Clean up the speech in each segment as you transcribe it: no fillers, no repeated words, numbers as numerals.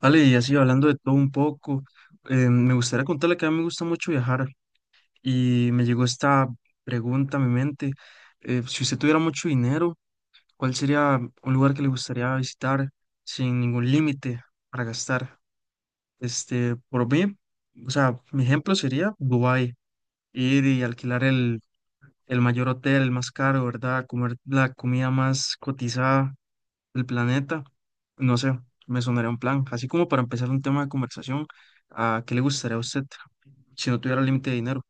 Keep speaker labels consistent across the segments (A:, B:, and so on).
A: Vale, y así hablando de todo un poco, me gustaría contarle que a mí me gusta mucho viajar y me llegó esta pregunta a mi mente. Si usted tuviera mucho dinero, ¿cuál sería un lugar que le gustaría visitar sin ningún límite para gastar? Este, por mí, o sea, mi ejemplo sería Dubái, ir y alquilar el mayor hotel, el más caro, ¿verdad? Comer la comida más cotizada el planeta, no sé, me sonaría un plan. Así como para empezar un tema de conversación, ¿a qué le gustaría a usted si no tuviera límite de dinero?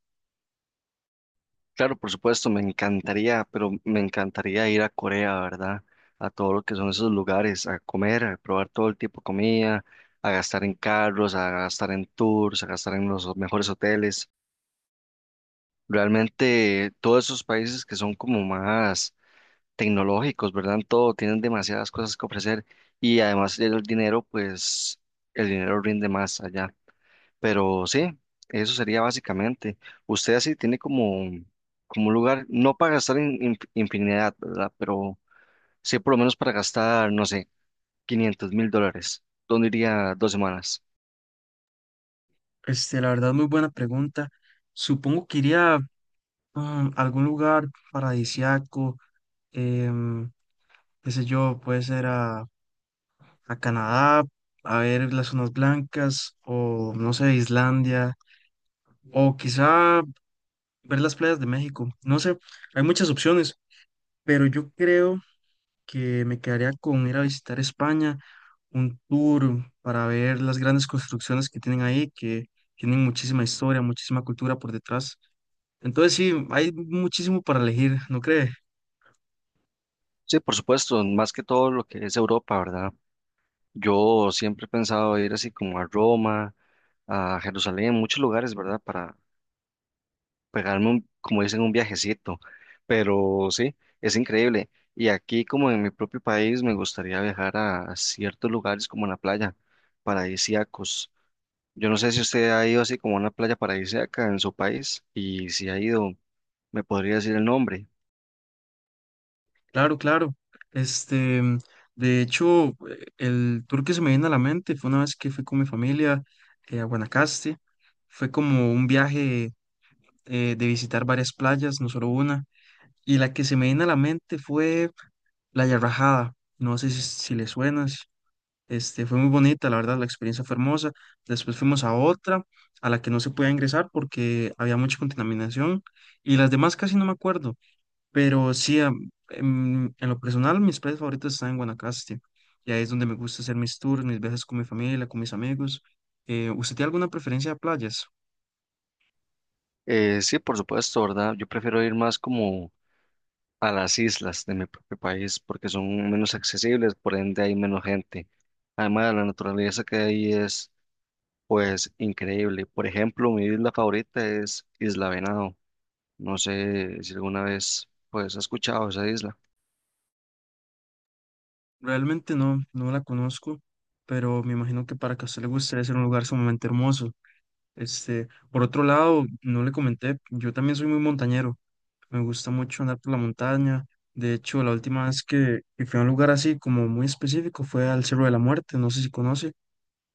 B: Claro, por supuesto, me encantaría, pero me encantaría ir a Corea, ¿verdad? A todo lo que son esos lugares, a comer, a probar todo el tipo de comida, a gastar en carros, a gastar en tours, a gastar en los mejores hoteles. Realmente todos esos países que son como más tecnológicos, ¿verdad? En todo, tienen demasiadas cosas que ofrecer y además el dinero, pues el dinero rinde más allá. Pero sí, eso sería básicamente. Usted así tiene como, como un lugar, no para gastar infinidad, ¿verdad? Pero sí por lo menos para gastar, no sé, $500,000. ¿Dónde iría 2 semanas?
A: Este, la verdad, muy buena pregunta. Supongo que iría a algún lugar paradisiaco, em, qué sé yo, puede ser a Canadá, a ver las zonas blancas, o no sé, Islandia, o quizá ver las playas de México. No sé, hay muchas opciones, pero yo creo que me quedaría con ir a visitar España, un tour para ver las grandes construcciones que tienen ahí, que tienen muchísima historia, muchísima cultura por detrás. Entonces sí, hay muchísimo para elegir, ¿no cree?
B: Sí, por supuesto, más que todo lo que es Europa, ¿verdad? Yo siempre he pensado ir así como a Roma, a Jerusalén, muchos lugares, ¿verdad? Para pegarme un, como dicen, un viajecito. Pero sí, es increíble. Y aquí, como en mi propio país, me gustaría viajar a ciertos lugares como la playa, paradisíacos. Yo no sé si usted ha ido así como a una playa paradisíaca en su país y si ha ido, me podría decir el nombre.
A: Claro, claro. Este, de hecho, el tour que se me viene a la mente fue una vez que fui con mi familia a Guanacaste. Fue como un viaje de visitar varias playas, no solo una. Y la que se me vino a la mente fue La Yarrajada. No sé si le suena. Este, fue muy bonita, la verdad, la experiencia fue hermosa. Después fuimos a otra, a la que no se podía ingresar porque había mucha contaminación. Y las demás casi no me acuerdo. Pero sí, en lo personal, mis playas favoritos están en Guanacaste. Y ahí es donde me gusta hacer mis tours, mis viajes con mi familia, con mis amigos. ¿Usted tiene alguna preferencia de playas?
B: Sí, por supuesto, ¿verdad? Yo prefiero ir más como a las islas de mi propio país porque son menos accesibles, por ende hay menos gente. Además, la naturaleza que hay es pues increíble. Por ejemplo, mi isla favorita es Isla Venado. No sé si alguna vez pues has escuchado esa isla.
A: Realmente no, no la conozco, pero me imagino que para que a usted le guste debe ser un lugar sumamente hermoso. Este, por otro lado, no le comenté, yo también soy muy montañero, me gusta mucho andar por la montaña. De hecho, la última vez que fui a un lugar así como muy específico fue al Cerro de la Muerte, no sé si conoce,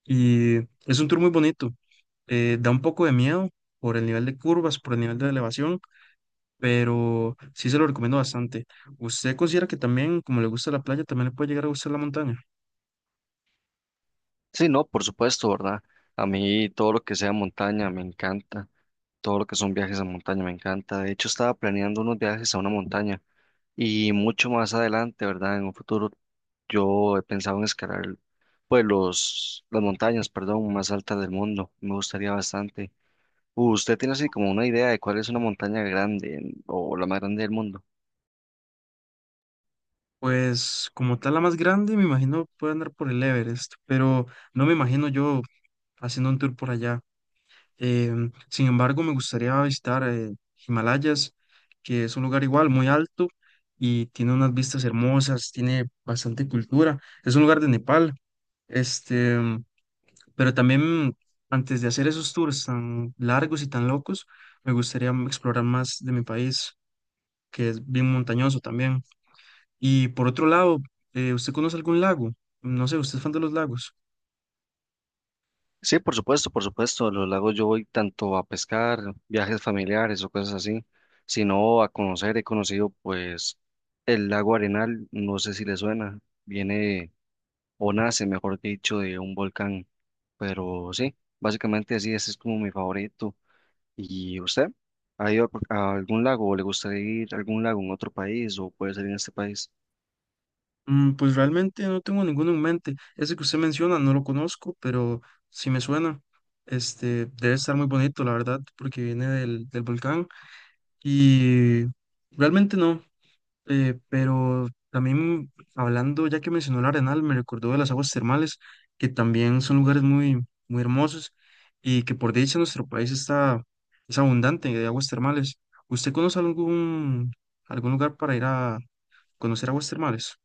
A: y es un tour muy bonito. Da un poco de miedo por el nivel de curvas, por el nivel de elevación, pero sí se lo recomiendo bastante. ¿Usted considera que también, como le gusta la playa, también le puede llegar a gustar la montaña?
B: Sí, no, por supuesto, ¿verdad? A mí todo lo que sea montaña me encanta. Todo lo que son viajes a montaña me encanta. De hecho, estaba planeando unos viajes a una montaña y mucho más adelante, ¿verdad? En un futuro yo he pensado en escalar pues los las montañas, perdón, más altas del mundo. Me gustaría bastante. ¿Usted tiene así como una idea de cuál es una montaña grande en- o la más grande del mundo?
A: Pues como tal la más grande, me imagino puede andar por el Everest, pero no me imagino yo haciendo un tour por allá. Sin embargo, me gustaría visitar Himalayas, que es un lugar igual, muy alto y tiene unas vistas hermosas, tiene bastante cultura. Es un lugar de Nepal, este, pero también antes de hacer esos tours tan largos y tan locos, me gustaría explorar más de mi país, que es bien montañoso también. Y por otro lado, ¿usted conoce algún lago? No sé, ¿usted es fan de los lagos?
B: Sí, por supuesto, por supuesto. A los lagos yo voy tanto a pescar, viajes familiares o cosas así, sino a conocer. He conocido pues el lago Arenal, no sé si le suena, viene o nace, mejor dicho, de un volcán, pero sí, básicamente así, ese es como mi favorito. ¿Y usted? ¿Ha ido a algún lago o le gustaría ir a algún lago en otro país o puede ser en este país?
A: Pues realmente no tengo ninguno en mente. Ese que usted menciona no lo conozco, pero sí me suena. Este debe estar muy bonito, la verdad, porque viene del volcán. Y realmente no. Pero también hablando, ya que mencionó el Arenal, me recordó de las aguas termales, que también son lugares muy, muy hermosos y que por dicha nuestro país está, es abundante de aguas termales. ¿Usted conoce algún lugar para ir a conocer aguas termales?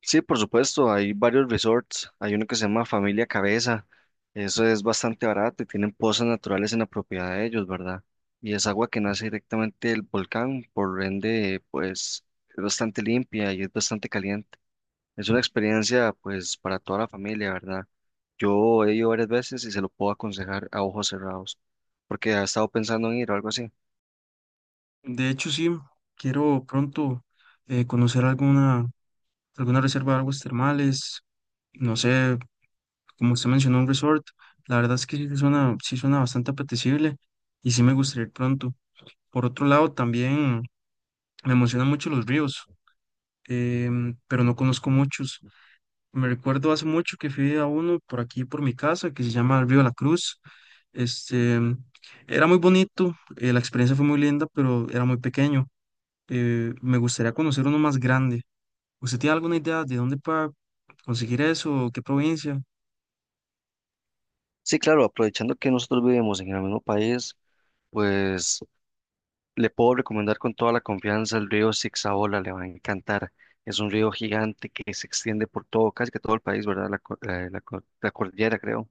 B: Sí, por supuesto, hay varios resorts. Hay uno que se llama Familia Cabeza. Eso es bastante barato y tienen pozas naturales en la propiedad de ellos, ¿verdad? Y es agua que nace directamente del volcán, por ende, pues es bastante limpia y es bastante caliente. Es una experiencia, pues, para toda la familia, ¿verdad? Yo he ido varias veces y se lo puedo aconsejar a ojos cerrados, porque ha estado pensando en ir o algo así.
A: De hecho, sí, quiero pronto conocer alguna reserva de aguas termales, no sé, como usted mencionó, un resort. La verdad es que sí suena bastante apetecible y sí me gustaría ir pronto. Por otro lado, también me emocionan mucho los ríos, pero no conozco muchos. Me recuerdo hace mucho que fui a uno por aquí, por mi casa, que se llama el Río la Cruz. Este, era muy bonito, la experiencia fue muy linda, pero era muy pequeño. Me gustaría conocer uno más grande. ¿Usted tiene alguna idea de dónde para conseguir eso? ¿Qué provincia?
B: Sí, claro, aprovechando que nosotros vivimos en el mismo país, pues. Le puedo recomendar con toda la confianza el río Sixaola, le va a encantar. Es un río gigante que se extiende por todo, casi que todo el país, ¿verdad? La cordillera, creo,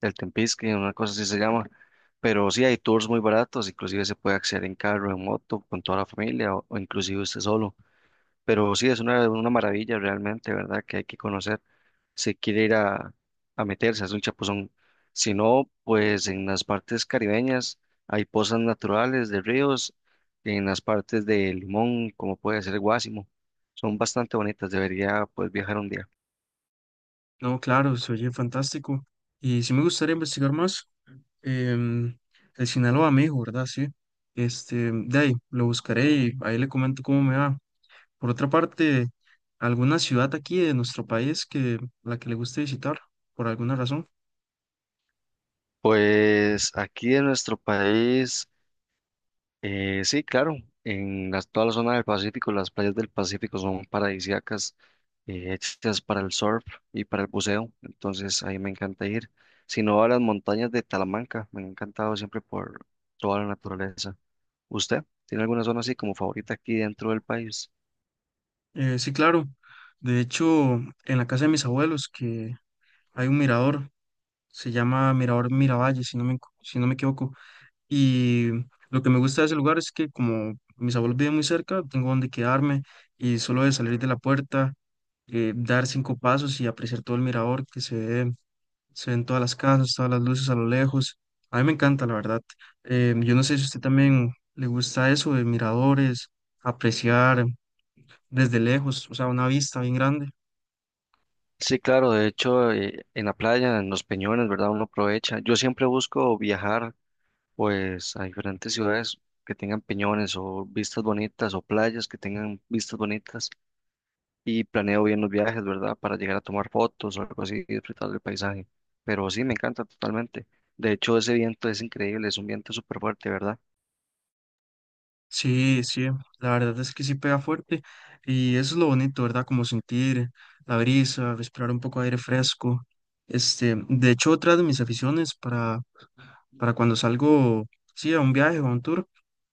B: el Tempisque, una cosa así se llama. Pero sí, hay tours muy baratos, inclusive se puede acceder en carro, en moto, con toda la familia o inclusive usted solo. Pero sí, es una maravilla realmente, ¿verdad? Que hay que conocer si quiere ir a meterse, es un chapuzón. Si no, pues en las partes caribeñas hay pozas naturales de ríos, en las partes de Limón, como puede ser Guásimo, son bastante bonitas, debería pues viajar un día.
A: No, claro, se oye fantástico. Y sí me gustaría investigar más. em, el Sinaloa me dijo, ¿verdad? Sí. Este, de ahí lo buscaré y ahí le comento cómo me va. Por otra parte, alguna ciudad aquí de nuestro país que la que le guste visitar, por alguna razón.
B: Pues aquí en nuestro país eh, sí, claro, en las- toda la zona del Pacífico, las playas del Pacífico son paradisíacas, hechas para el surf y para el buceo, entonces ahí me encanta ir. Si no, a las montañas de Talamanca, me han encantado siempre por toda la naturaleza. ¿Usted tiene alguna zona así como favorita aquí dentro del país?
A: Sí, claro. De hecho, en la casa de mis abuelos, que hay un mirador, se llama Mirador Miravalle, si no me, si no me equivoco. Y lo que me gusta de ese lugar es que como mis abuelos viven muy cerca, tengo donde quedarme y solo de salir de la puerta. Dar cinco pasos y apreciar todo el mirador que se ve, se ven todas las casas, todas las luces a lo lejos. A mí me encanta, la verdad. Yo no sé si a usted también le gusta eso de miradores, apreciar desde lejos, o sea, una vista bien grande.
B: Sí, claro, de hecho, en la playa, en los peñones, ¿verdad? Uno aprovecha. Yo siempre busco viajar, pues, a diferentes ciudades que tengan peñones o vistas bonitas o playas que tengan vistas bonitas. Y planeo bien los viajes, ¿verdad? Para llegar a tomar fotos o algo así y disfrutar del paisaje. Pero sí, me encanta totalmente. De hecho, ese viento es increíble, es un viento súper fuerte, ¿verdad?
A: Sí, sí, la verdad es que sí pega fuerte y eso es lo bonito, ¿verdad? Como sentir la brisa, respirar un poco de aire fresco. Este, de hecho, otra de mis aficiones para cuando salgo, sí, a un viaje o a un tour.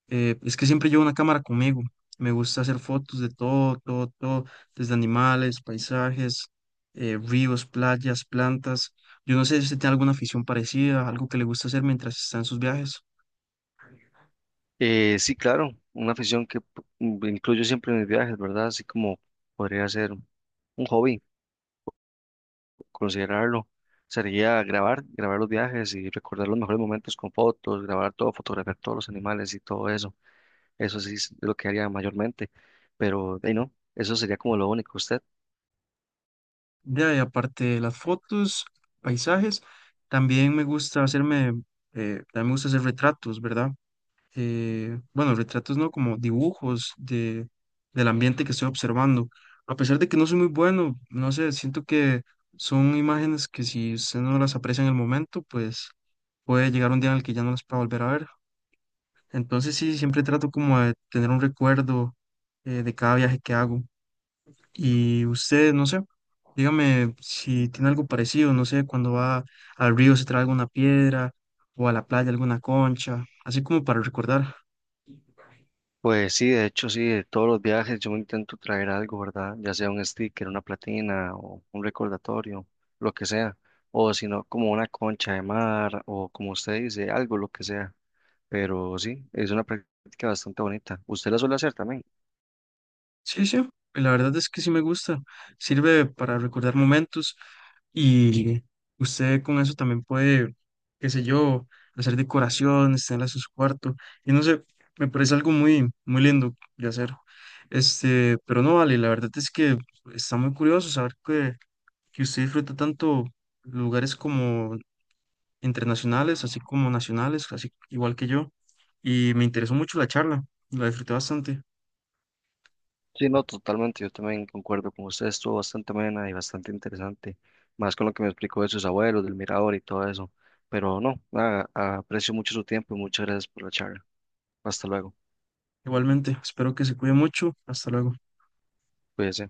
A: Es que siempre llevo una cámara conmigo. Me gusta hacer fotos de todo, todo, todo, desde animales, paisajes, ríos, playas, plantas. Yo no sé si usted tiene alguna afición parecida, algo que le gusta hacer mientras está en sus viajes.
B: Sí, claro, una afición que incluyo siempre en mis viajes, ¿verdad? Así como podría ser un hobby, considerarlo. Sería grabar, grabar los viajes y recordar los mejores momentos con fotos, grabar todo, fotografiar todos los animales y todo eso. Eso sí es lo que haría mayormente, pero de ahí no, eso sería como lo único. ¿Usted?
A: Ya, y aparte de las fotos, paisajes, también me gusta hacerme, también me gusta hacer retratos, ¿verdad? Bueno, retratos no, como dibujos del ambiente que estoy observando. A pesar de que no soy muy bueno, no sé, siento que son imágenes que si usted no las aprecia en el momento, pues puede llegar un día en el que ya no las pueda volver a ver. Entonces sí, siempre trato como de tener un recuerdo de cada viaje que hago. Y usted, no sé, dígame si tiene algo parecido, no sé, cuando va al río se trae alguna piedra o a la playa alguna concha, así como para recordar.
B: Pues sí, de hecho sí, de todos los viajes yo intento traer algo, ¿verdad? Ya sea un sticker, una platina o un recordatorio, lo que sea. O si no, como una concha de mar o como usted dice, algo, lo que sea. Pero sí, es una práctica bastante bonita. ¿Usted la suele hacer también?
A: Sí, sí, y la verdad es que sí me gusta. Sirve para recordar momentos y usted con eso también puede, qué sé yo, hacer decoraciones, tenerlas en su cuarto. Y no sé, me parece algo muy, muy lindo de hacer. Este, pero no vale, la verdad es que está muy curioso saber que usted disfruta tanto lugares como internacionales, así como nacionales, así igual que yo. Y me interesó mucho la charla, la disfruté bastante.
B: Sí, no, totalmente. Yo también concuerdo con usted. Estuvo bastante amena y bastante interesante. Más con lo que me explicó de sus abuelos, del mirador y todo eso. Pero no, nada, aprecio mucho su tiempo y muchas gracias por la charla. Hasta luego.
A: Igualmente, espero que se cuide mucho. Hasta luego.
B: Cuídese.